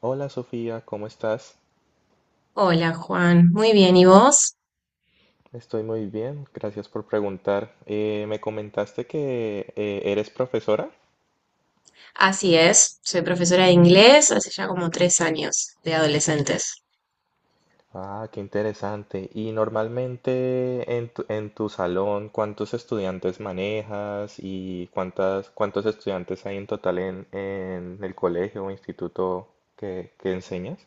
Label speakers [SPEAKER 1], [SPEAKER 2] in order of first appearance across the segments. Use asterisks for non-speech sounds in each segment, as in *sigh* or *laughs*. [SPEAKER 1] Hola Sofía, ¿cómo estás?
[SPEAKER 2] Hola Juan, muy bien, ¿y vos?
[SPEAKER 1] Estoy muy bien, gracias por preguntar. Me comentaste que eres profesora.
[SPEAKER 2] Así es, soy profesora de inglés hace ya como tres años de adolescentes.
[SPEAKER 1] Ah, qué interesante. Y normalmente en tu salón, ¿cuántos estudiantes manejas y cuántos estudiantes hay en total en el colegio o instituto que enseñas?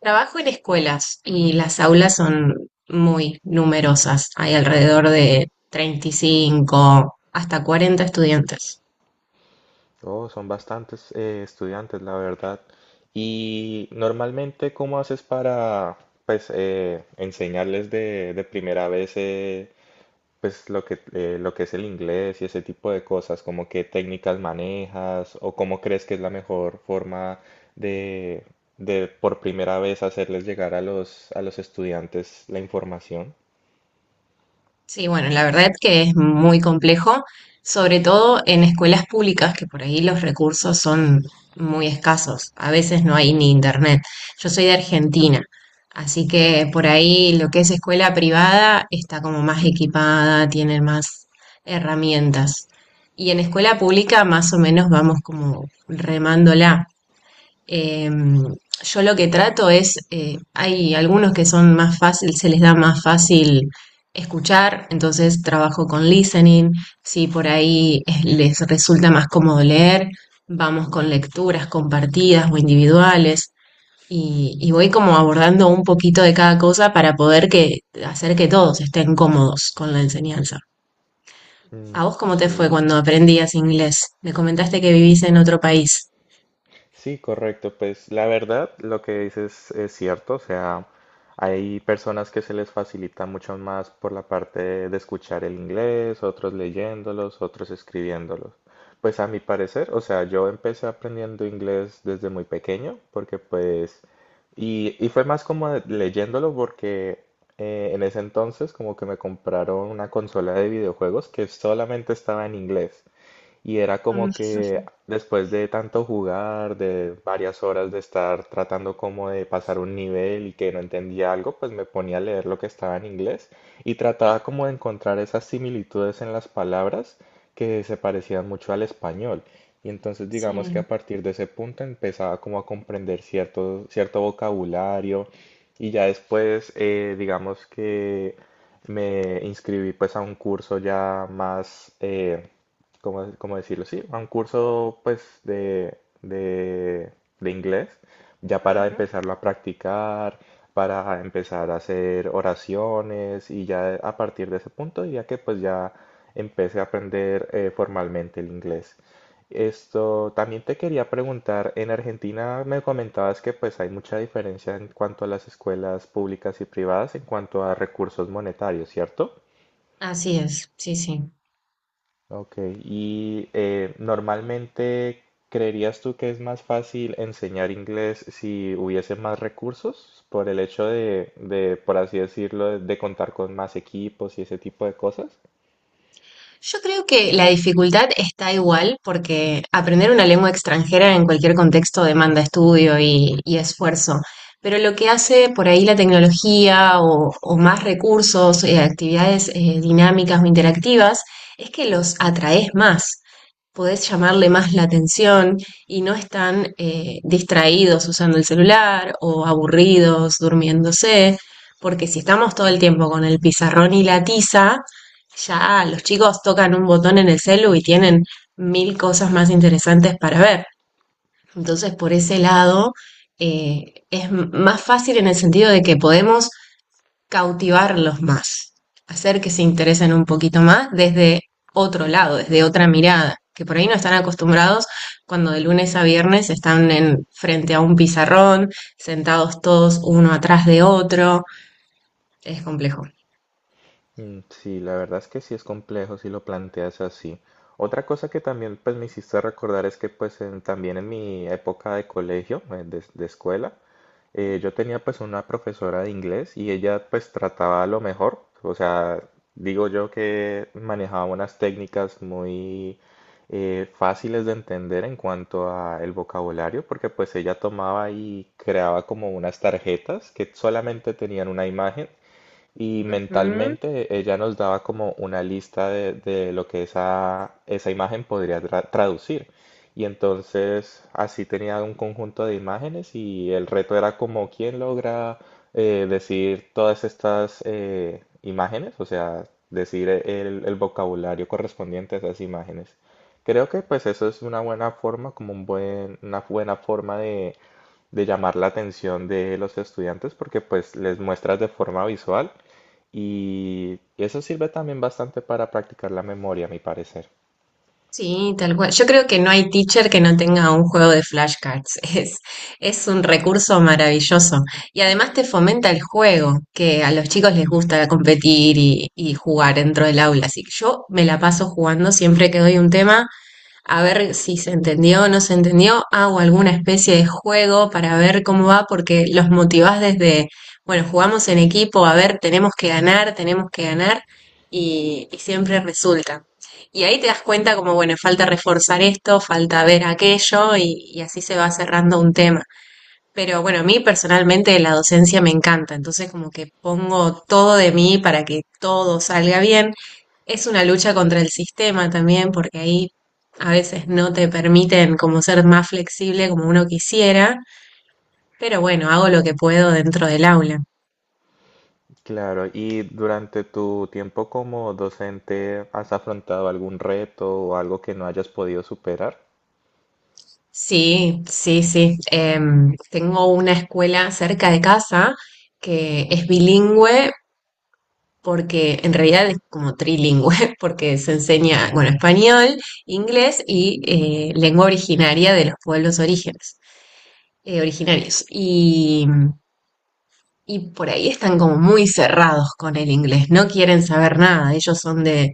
[SPEAKER 2] Trabajo en escuelas y las aulas son muy numerosas, hay alrededor de 35 hasta 40 estudiantes.
[SPEAKER 1] Oh, son bastantes estudiantes, la verdad. Y normalmente, ¿cómo haces para, pues, enseñarles de primera vez, pues, lo que es el inglés y ese tipo de cosas? ¿Como qué técnicas manejas o cómo crees que es la mejor forma de, de por primera vez hacerles llegar a los estudiantes la información?
[SPEAKER 2] Sí, bueno, la verdad es que es muy complejo, sobre todo en escuelas públicas, que por ahí los recursos son muy escasos. A veces no hay ni internet. Yo soy de Argentina, así que por ahí lo que es escuela privada está como más equipada, tiene más herramientas. Y en escuela pública más o menos vamos como remándola. Eh, yo lo que trato es, hay algunos que son más fácil, se les da más fácil escuchar, entonces trabajo con listening, si por ahí les resulta más cómodo leer, vamos con lecturas compartidas o individuales y voy como abordando un poquito de cada cosa para poder que, hacer que todos estén cómodos con la enseñanza.
[SPEAKER 1] Mm,
[SPEAKER 2] ¿A vos cómo te fue
[SPEAKER 1] sí.
[SPEAKER 2] cuando aprendías inglés? Me comentaste que vivís en otro país.
[SPEAKER 1] Sí, correcto. Pues la verdad, lo que dices es cierto. O sea, hay personas que se les facilita mucho más por la parte de escuchar el inglés, otros leyéndolos, otros escribiéndolos. Pues a mi parecer, o sea, yo empecé aprendiendo inglés desde muy pequeño, porque pues, y fue más como de- leyéndolo porque en ese entonces como que me compraron una consola de videojuegos que solamente estaba en inglés. Y era
[SPEAKER 2] Mm,
[SPEAKER 1] como que después de tanto jugar, de varias horas de estar tratando como de pasar un nivel y que no entendía algo, pues me ponía a leer lo que estaba en inglés y trataba como de encontrar esas similitudes en las palabras que se parecían mucho al español. Y entonces digamos que
[SPEAKER 2] sí.
[SPEAKER 1] a partir de ese punto empezaba como a comprender cierto vocabulario y ya después digamos que me inscribí pues a un curso ya más... ¿cómo, cómo decirlo? Sí, a un curso pues de inglés, ya para empezarlo a practicar, para empezar a hacer oraciones y ya a partir de ese punto, ya que pues ya empecé a aprender formalmente el inglés. Esto también te quería preguntar, en Argentina me comentabas que pues hay mucha diferencia en cuanto a las escuelas públicas y privadas en cuanto a recursos monetarios, ¿cierto?
[SPEAKER 2] Así es, sí, sí.
[SPEAKER 1] Ok, y normalmente, ¿creerías tú que es más fácil enseñar inglés si hubiese más recursos por el hecho de, por así decirlo, de contar con más equipos y ese tipo de cosas?
[SPEAKER 2] Yo creo que la dificultad está igual porque aprender una lengua extranjera en cualquier contexto demanda estudio y esfuerzo, pero lo que hace por ahí la tecnología o más recursos, actividades dinámicas o interactivas, es que los atraes más. Podés llamarle más la atención y no están distraídos usando el celular o aburridos durmiéndose, porque si estamos todo el tiempo con el pizarrón y la tiza, ya los chicos tocan un botón en el celu y tienen mil cosas más interesantes para ver. Entonces, por ese lado, eh, es más fácil en el sentido de que podemos cautivarlos más, hacer que se interesen un poquito más desde otro lado, desde otra mirada, que por ahí no están acostumbrados cuando de lunes a viernes están en, frente a un pizarrón, sentados todos uno atrás de otro, es complejo.
[SPEAKER 1] Mm, sí, la verdad es que sí es complejo si lo planteas así. Otra cosa que también pues me hiciste recordar es que pues en- también en mi época de colegio, de escuela, yo tenía pues una profesora de inglés y ella pues trataba lo mejor, o sea, digo yo que manejaba unas técnicas muy fáciles de entender en cuanto a el vocabulario, porque pues ella tomaba y creaba como unas tarjetas que solamente tenían una imagen y
[SPEAKER 2] Ujú.
[SPEAKER 1] mentalmente ella nos daba como una lista de lo que esa imagen podría tra- traducir. Y entonces así tenía un conjunto de imágenes y el reto era como quién logra decir todas estas imágenes, o sea, decir el vocabulario correspondiente a esas imágenes. Creo que pues eso es una buena forma, como un buen, una buena forma de llamar la atención de los estudiantes porque pues les muestras de forma visual y eso sirve también bastante para practicar la memoria, a mi parecer.
[SPEAKER 2] Sí, tal cual. Yo creo que no hay teacher que no tenga un juego de flashcards. *laughs* Es un recurso maravilloso. Y además te fomenta el juego, que a los chicos les gusta competir y jugar dentro del aula. Así que yo me la paso jugando siempre que doy un tema a ver si se entendió o no se entendió, hago alguna especie de juego para ver cómo va, porque los motivás desde, bueno, jugamos en equipo, a ver, tenemos que ganar, y siempre resulta. Y ahí te das cuenta como, bueno, falta reforzar esto, falta ver aquello, y así se va cerrando un tema. Pero bueno, a mí personalmente la docencia me encanta, entonces como que pongo todo de mí para que todo salga bien. Es una lucha contra el sistema también, porque ahí a veces no te permiten como ser más flexible como uno quisiera, pero bueno, hago lo que puedo dentro del aula.
[SPEAKER 1] Claro, y durante tu tiempo como docente, ¿has afrontado algún reto o algo que no hayas podido superar?
[SPEAKER 2] Sí, sí, sí. Tengo una escuela cerca de casa que es bilingüe, porque en realidad es como trilingüe, *laughs* porque se enseña, bueno, español, inglés y lengua originaria de los pueblos orígenes, originarios. Y por ahí están como muy cerrados con el inglés, no quieren saber nada, ellos son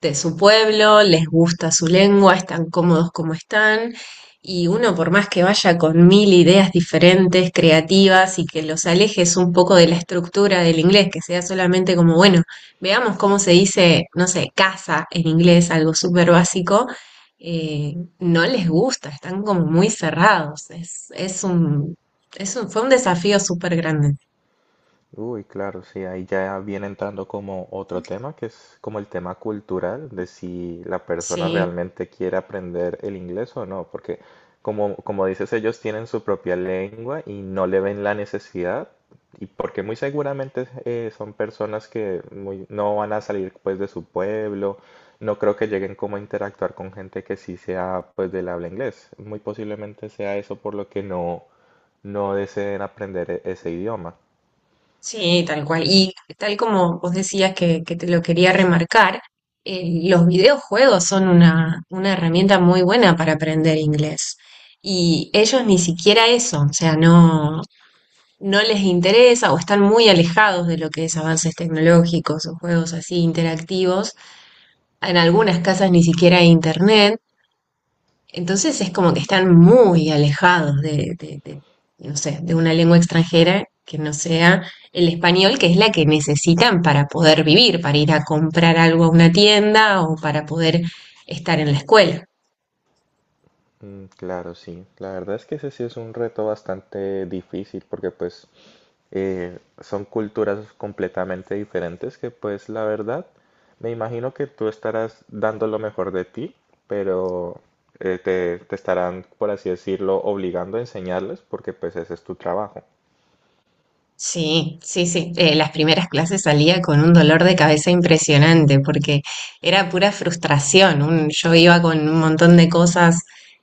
[SPEAKER 2] de su pueblo, les gusta su lengua, están cómodos como están, y uno por más que vaya con mil ideas diferentes, creativas, y que los alejes un poco de la estructura del inglés, que sea solamente como, bueno, veamos cómo se dice, no sé, casa en inglés, algo súper básico, eh, no les gusta, están como muy cerrados, fue un desafío súper grande.
[SPEAKER 1] Uy, claro, sí, ahí ya viene entrando como otro tema, que es como el tema cultural, de si la persona
[SPEAKER 2] Sí,
[SPEAKER 1] realmente quiere aprender el inglés o no, porque como, como dices, ellos tienen su propia lengua y no le ven la necesidad, y porque muy seguramente son personas que muy- no van a salir pues de su pueblo, no creo que lleguen como a interactuar con gente que sí sea pues del habla inglés, muy posiblemente sea eso por lo que no, no deseen aprender e- ese idioma.
[SPEAKER 2] sí, tal cual. Y tal como vos decías que te lo quería remarcar, los videojuegos son una herramienta muy buena para aprender inglés. Y ellos ni siquiera eso, o sea, no, no les interesa o están muy alejados de lo que es avances tecnológicos o juegos así interactivos. En algunas casas ni siquiera hay internet. Entonces es como que están muy alejados de no sé, de una lengua extranjera que no sea el español, que es la que necesitan para poder vivir, para ir a comprar algo a una tienda o para poder estar en la escuela.
[SPEAKER 1] Mm, claro, sí. La verdad es que ese sí es un reto bastante difícil porque pues son culturas completamente diferentes que pues la verdad me imagino que tú estarás dando lo mejor de ti, pero te, te estarán, por así decirlo, obligando a enseñarles porque pues ese es tu trabajo.
[SPEAKER 2] Sí, sí, sí. Las primeras clases salía con un dolor de cabeza impresionante porque era pura frustración. Yo iba con un montón de cosas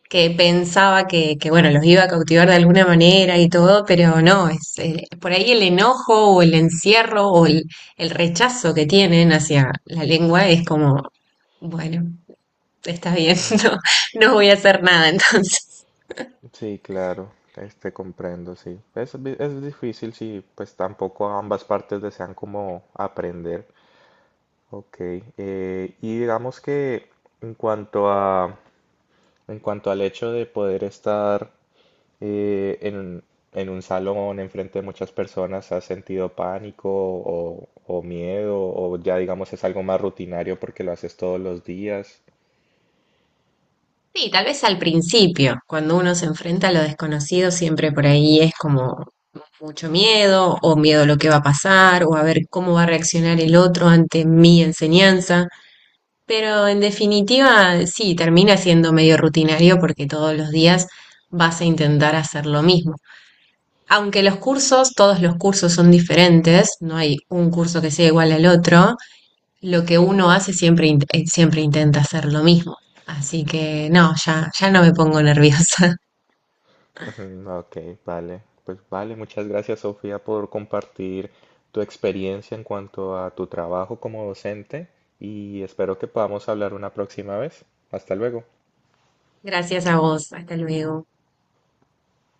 [SPEAKER 2] que pensaba bueno, los iba a cautivar de alguna manera y todo, pero no, es por ahí el enojo o el encierro o el rechazo que tienen hacia la lengua es como, bueno, está bien,
[SPEAKER 1] Mm.
[SPEAKER 2] *laughs* no, no voy a hacer nada entonces.
[SPEAKER 1] Sí, claro, este comprendo, sí. Es, vi- es difícil si pues tampoco ambas partes desean como aprender. Ok, y digamos que en cuanto a, en cuanto al hecho de poder estar eh, en, en un salón enfrente de muchas personas, ¿has sentido pánico o miedo? O ya digamos es algo más rutinario porque lo haces todos los días.
[SPEAKER 2] Sí, tal vez al principio, cuando uno se enfrenta a lo desconocido, siempre por ahí es como mucho miedo o miedo a lo que va a pasar o a ver cómo va a reaccionar el otro ante mi enseñanza. Pero en definitiva, sí, termina siendo medio rutinario porque todos los días vas a intentar hacer lo mismo. Aunque los cursos, todos los cursos son diferentes, no hay un curso que sea igual al otro, lo que uno hace siempre, siempre intenta hacer lo mismo. Así que no, ya, ya no me pongo nerviosa.
[SPEAKER 1] Ujú, ok, vale. Pues vale, muchas gracias Sofía por compartir tu experiencia en cuanto a tu trabajo como docente y espero que podamos hablar una próxima vez. Hasta luego.
[SPEAKER 2] *laughs* Gracias a vos, hasta luego.